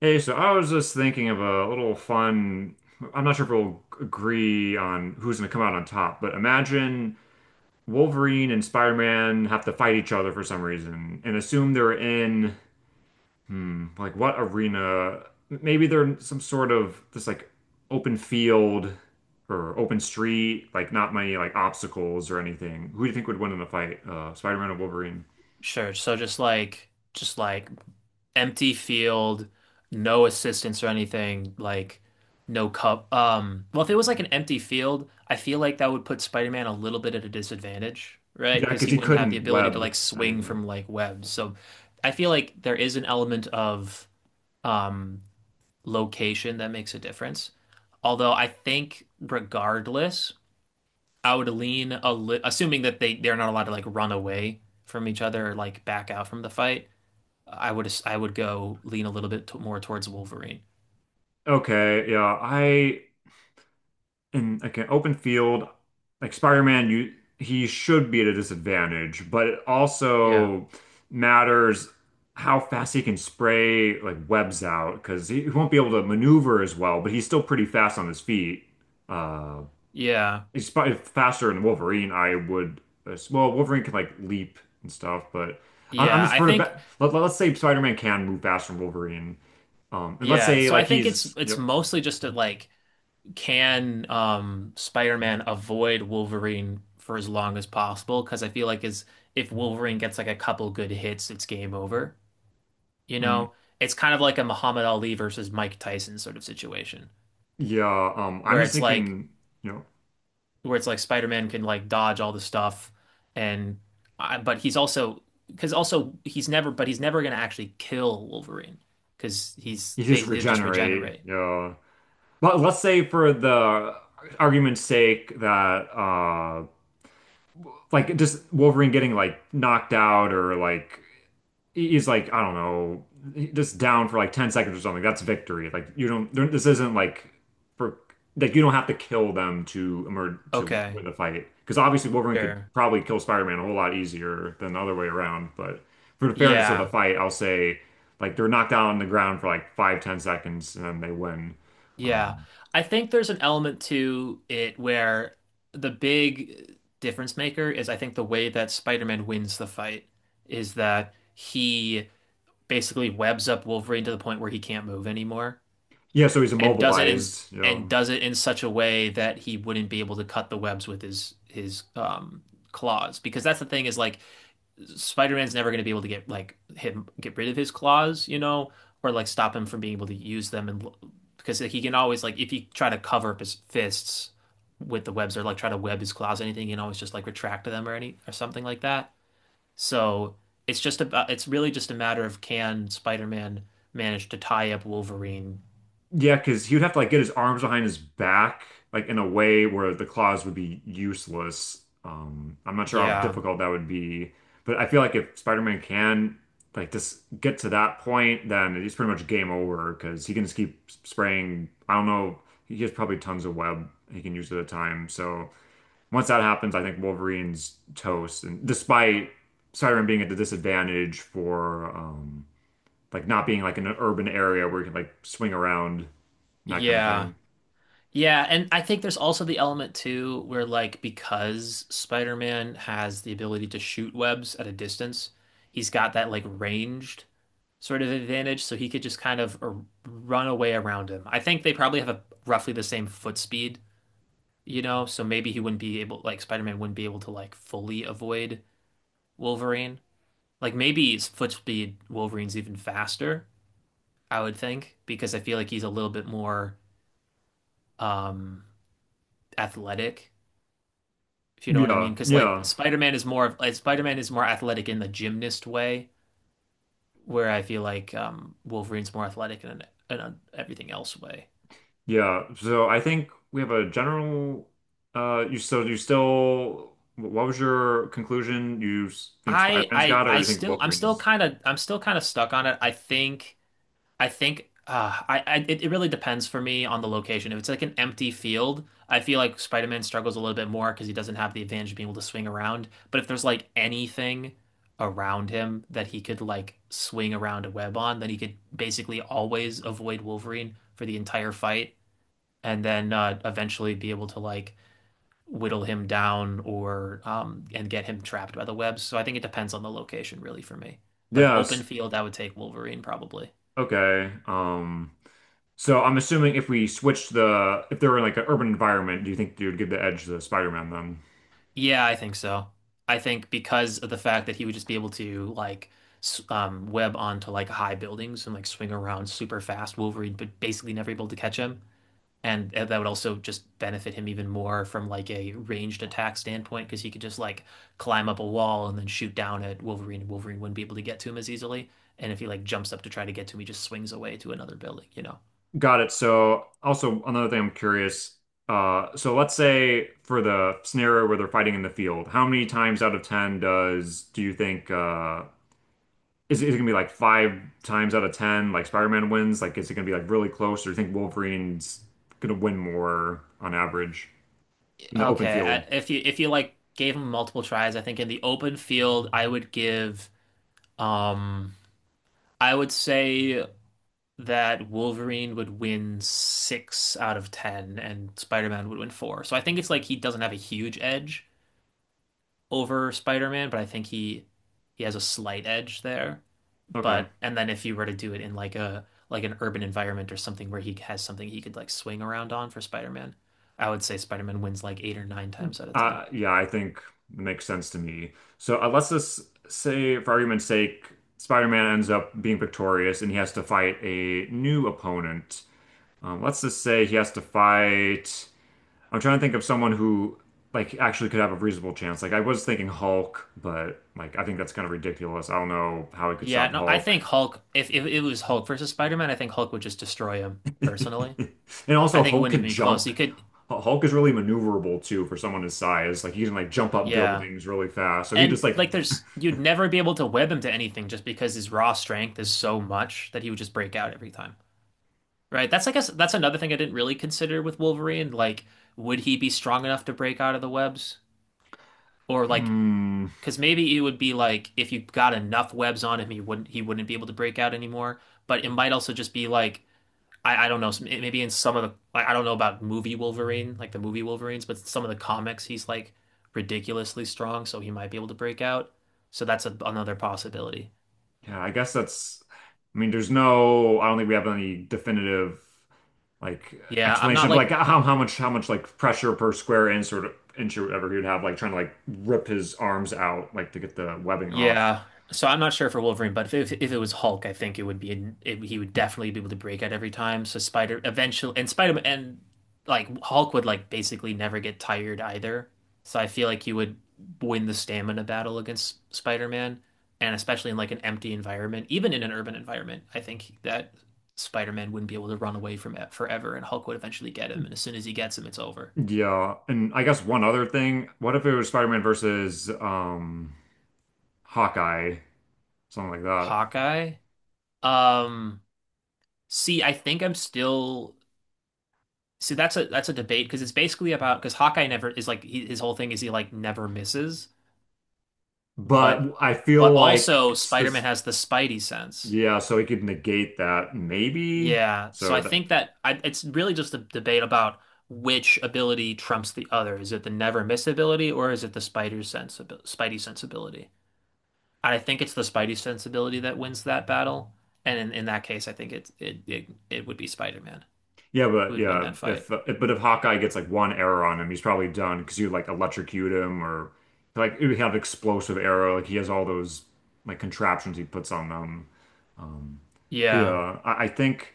Hey, so I was just thinking of a little fun. I'm not sure if we'll agree on who's going to come out on top, but imagine Wolverine and Spider-Man have to fight each other for some reason and assume they're in, like what arena? Maybe they're in some sort of just like open field or open street, like not many like obstacles or anything. Who do you think would win in a fight? Spider-Man or Wolverine? Sure. So just like empty field, no assistance or anything, like no cup. Well, if it was like an empty field, I feel like that would put Spider-Man a little bit at a disadvantage, right? Yeah, Because because he he wouldn't have the couldn't ability to web like swing anything. from like webs. So I feel like there is an element of um location that makes a difference. Although I think regardless, I would lean a li assuming that they're not allowed to like run away from each other or like back out from the fight. I would go lean a little bit t more towards Wolverine. Okay, yeah, I in like an open field, like Spider-Man, you he should be at a disadvantage, but it Yeah. also matters how fast he can spray like webs out because he won't be able to maneuver as well, but he's still pretty fast on his feet. Uh, Yeah. he's probably faster than Wolverine. Well, Wolverine can like leap and stuff, but I'm Yeah, just I for the think. bet. Let's say Spider-Man can move faster than Wolverine. And let's Yeah. say So I like think it's it's yep. mostly just that like, can Spider-Man avoid Wolverine for as long as possible? Because I feel like is if Wolverine gets like a couple good hits, it's game over. You Mhm. know? It's kind of like a Muhammad Ali versus Mike Tyson sort of situation Yeah. I'm where just it's like thinking. You know. where it's like Spider-Man can like dodge all the stuff, and but he's also, because also he's never gonna actually kill Wolverine, because You just he'll just regenerate, regenerate. you know. But let's say for the argument's sake that like just Wolverine getting like knocked out or like he's like, I don't know, just down for like 10 seconds or something. That's victory. Like you don't, there- this isn't like for like you don't have to kill them to emerge to Okay, win the fight. Because obviously Wolverine could sure. probably kill Spider-Man a whole lot easier than the other way around. But for the fairness of the Yeah, fight, I'll say like they're knocked down on the ground for like 5, 10 seconds and then they win. yeah. I think there's an element to it where the big difference maker is, I think, the way that Spider-Man wins the fight is that he basically webs up Wolverine to the point where he can't move anymore, Yeah, so he's and does it in immobilized, you and know. does it in such a way that he wouldn't be able to cut the webs with his claws, because that's the thing, is like Spider-Man's never going to be able to get like him get rid of his claws, you know, or like stop him from being able to use them. And because he can always like, if he try to cover up his fists with the webs or like try to web his claws or anything, he can always just like retract them or something like that. So it's really just a matter of, can Spider-Man manage to tie up Wolverine? Yeah, because he would have to like get his arms behind his back, like in a way where the claws would be useless. I'm not sure how Yeah, difficult that would be, but I feel like if Spider-Man can like just get to that point, then it's pretty much game over because he can just keep spraying. I don't know. He has probably tons of web he can use at a time. So once that happens, I think Wolverine's toast. And despite Spider-Man being at the disadvantage for like not being like in an urban area where you can like swing around and that kind of yeah. thing. Yeah, and I think there's also the element too where, like, because Spider-Man has the ability to shoot webs at a distance, he's got that like ranged sort of advantage, so he could just kind of run away around him. I think they probably have a roughly the same foot speed, you know, so maybe he wouldn't be able like Spider-Man wouldn't be able to like fully avoid Wolverine. Like maybe his foot speed Wolverine's even faster, I would think, because I feel like he's a little bit more um athletic, if you know what I Yeah, mean. Because like yeah, Spider-Man is more athletic in the gymnast way, where I feel like Wolverine's more athletic in an everything else way. yeah. So I think we have a general. You so you still. What was your conclusion? You think Spider-Man's got it, or you think I'm still Wolverine's? kind of I'm still kind of stuck on it. I think I it really depends for me on the location. If it's like an empty field, I feel like Spider-Man struggles a little bit more because he doesn't have the advantage of being able to swing around. But if there's like anything around him that he could like swing around a web on, then he could basically always avoid Wolverine for the entire fight, and then eventually be able to like whittle him down, or and get him trapped by the webs. So I think it depends on the location really for me. But if open Yes. field, I would take Wolverine probably. Okay. So I'm assuming if we switched the if they were in like an urban environment, do you think you would give the edge to Spider-Man then? Yeah, I think so. I think because of the fact that he would just be able to like web onto like high buildings and like swing around super fast, Wolverine but basically never able to catch him. And that would also just benefit him even more from like a ranged attack standpoint, because he could just like climb up a wall and then shoot down at Wolverine, and Wolverine wouldn't be able to get to him as easily. And if he like jumps up to try to get to him, he just swings away to another building, you know. Got it. So also another thing I'm curious, so let's say for the scenario where they're fighting in the field, how many times out of 10 does do you think is it gonna be like five times out of 10 like Spider-Man wins? Like is it gonna be like really close or do you think Wolverine's gonna win more on average in the open Okay, field? If you like gave him multiple tries, I think in the open field um I would say that Wolverine would win six out of 10, and Spider-Man would win four. So I think it's like he doesn't have a huge edge over Spider-Man, but I think he has a slight edge there. Okay. But and then if you were to do it in like a like an urban environment or something, where he has something he could like swing around on for Spider-Man, I would say Spider-Man wins like eight or nine times out of 10. Yeah, I think it makes sense to me. So let's just say, for argument's sake, Spider-Man ends up being victorious and he has to fight a new opponent. Let's just say he has to fight. I'm trying to think of someone who like actually could have a reasonable chance. Like I was thinking Hulk, but like I think that's kind of ridiculous. I don't know how he could Yeah, stop no, I think Hulk. Hulk. If it was Hulk versus Spider-Man, I think Hulk would just destroy him personally. And I also think it Hulk wouldn't can even be close. jump. He could, Hulk is really maneuverable too for someone his size. Like he can like jump up yeah. buildings really fast. So he And just like like, there's you'd never be able to web him to anything, just because his raw strength is so much that he would just break out every time. Right? That's I guess that's another thing I didn't really consider with Wolverine. Like, would he be strong enough to break out of the webs? Or like, hmm. because maybe it would be like, if you got enough webs on him, he wouldn't be able to break out anymore. But it might also just be like, I don't know, maybe in some of the, like, I don't know about movie Wolverine, like the movie Wolverines, but some of the comics, he's like ridiculously strong, so he might be able to break out. So that's another possibility. Yeah, I guess that's, I mean, there's no, I don't think we have any definitive like Yeah, I'm explanation not of like like. how much like pressure per square inch or whatever he would have like trying to like rip his arms out like to get the webbing off. Yeah. So I'm not sure for Wolverine, but if, it was Hulk, I think it would be an, it, he would definitely be able to break out every time. So Spider eventually and Spider and like Hulk would like basically never get tired either. So I feel like he would win the stamina battle against Spider-Man, and especially in like an empty environment, even in an urban environment. I think that Spider-Man wouldn't be able to run away from it forever, and Hulk would eventually get him, and as soon as he gets him, it's over. Yeah, and I guess one other thing, what if it was Spider-Man versus Hawkeye, something like that. Hawkeye? Um See, I think I'm still. So that's a debate, because it's basically about, because Hawkeye never is, like, his whole thing is he like never misses, but But I feel like also it's Spider-Man this has the Spidey sense. yeah, so he could negate that maybe. Yeah, so So I that think that, it's really just a debate about which ability trumps the other. Is it the never miss ability, or is it the spider sense Spidey sensibility? And I think it's the Spidey sensibility that wins that battle. And in that case, I think it would be Spider-Man Yeah, who but would win yeah, that fight. If Hawkeye gets like one arrow on him, he's probably done because you like electrocute him or like you have explosive arrow. Like he has all those like contraptions he puts on them. But Yeah, yeah, I think.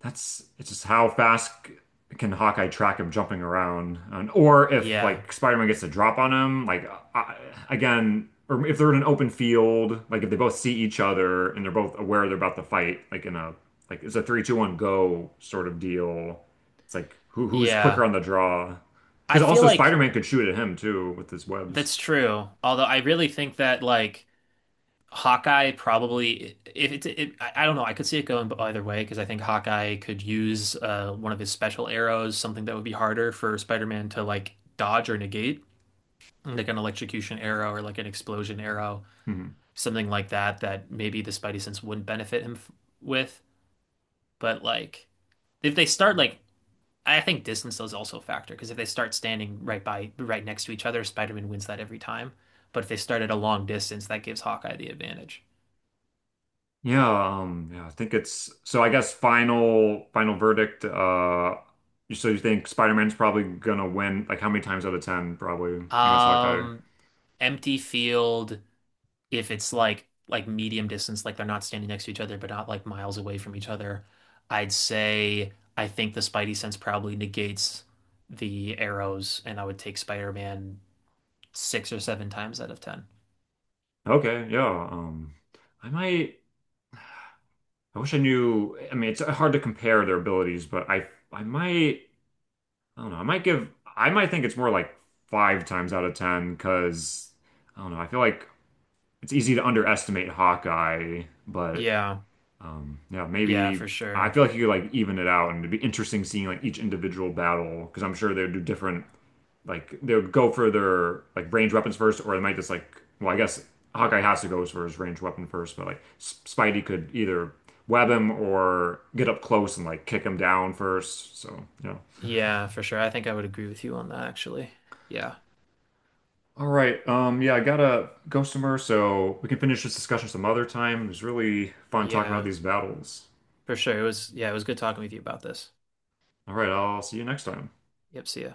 That's it's just how fast can Hawkeye track him jumping around, or if yeah, like Spider-Man gets a drop on him, like I, again, or if they're in an open field, like if they both see each other and they're both aware they're about to fight, like in a like it's a three, two, one, go sort of deal. It's like who's quicker yeah. on the draw? I Because feel also like. Spider-Man could shoot at him too with his webs. That's true. Although I really think that, like, Hawkeye probably, if it's it, I don't know, I could see it going either way, because I think Hawkeye could use one of his special arrows, something that would be harder for Spider-Man to like dodge or negate, like an electrocution arrow or like an explosion arrow, Hmm. something like that, that maybe the Spidey sense wouldn't benefit him f with, but like, if they start like I think distance is also a factor, because if they start standing right next to each other, Spider-Man wins that every time. But if they start at a long distance, that gives Hawkeye the advantage. Yeah, yeah, I think it's so I guess final verdict, so you think Spider-Man's probably gonna win like how many times out of 10 probably against Hawkeye? Um, empty field, if it's like medium distance, like they're not standing next to each other, but not like miles away from each other, I think the Spidey sense probably negates the arrows, and I would take Spider-Man six or seven times out of 10. Okay, yeah. Um I might I wish I knew, I mean it's hard to compare their abilities, but I might I don't know, I might think it's more like five times out of 10 because I don't know, I feel like it's easy to underestimate Hawkeye, but Yeah, Yeah, yeah, maybe for I sure. feel like you could like even it out, and it'd be interesting seeing like each individual battle because I'm sure they'd do different. Like they would go for their like range weapons first, or they might just like well, I guess Hawkeye has to go for his range weapon first, but like Spidey could either web him or get up close and like kick him down first. So yeah. Yeah, for sure. I think I would agree with you on that, actually. Yeah, All right. Yeah, I gotta go somewhere, so we can finish this discussion some other time. It was really fun talking about yeah, these battles. for sure. It was, yeah, it was good talking with you about this. All right. I'll see you next time. Yep, see ya.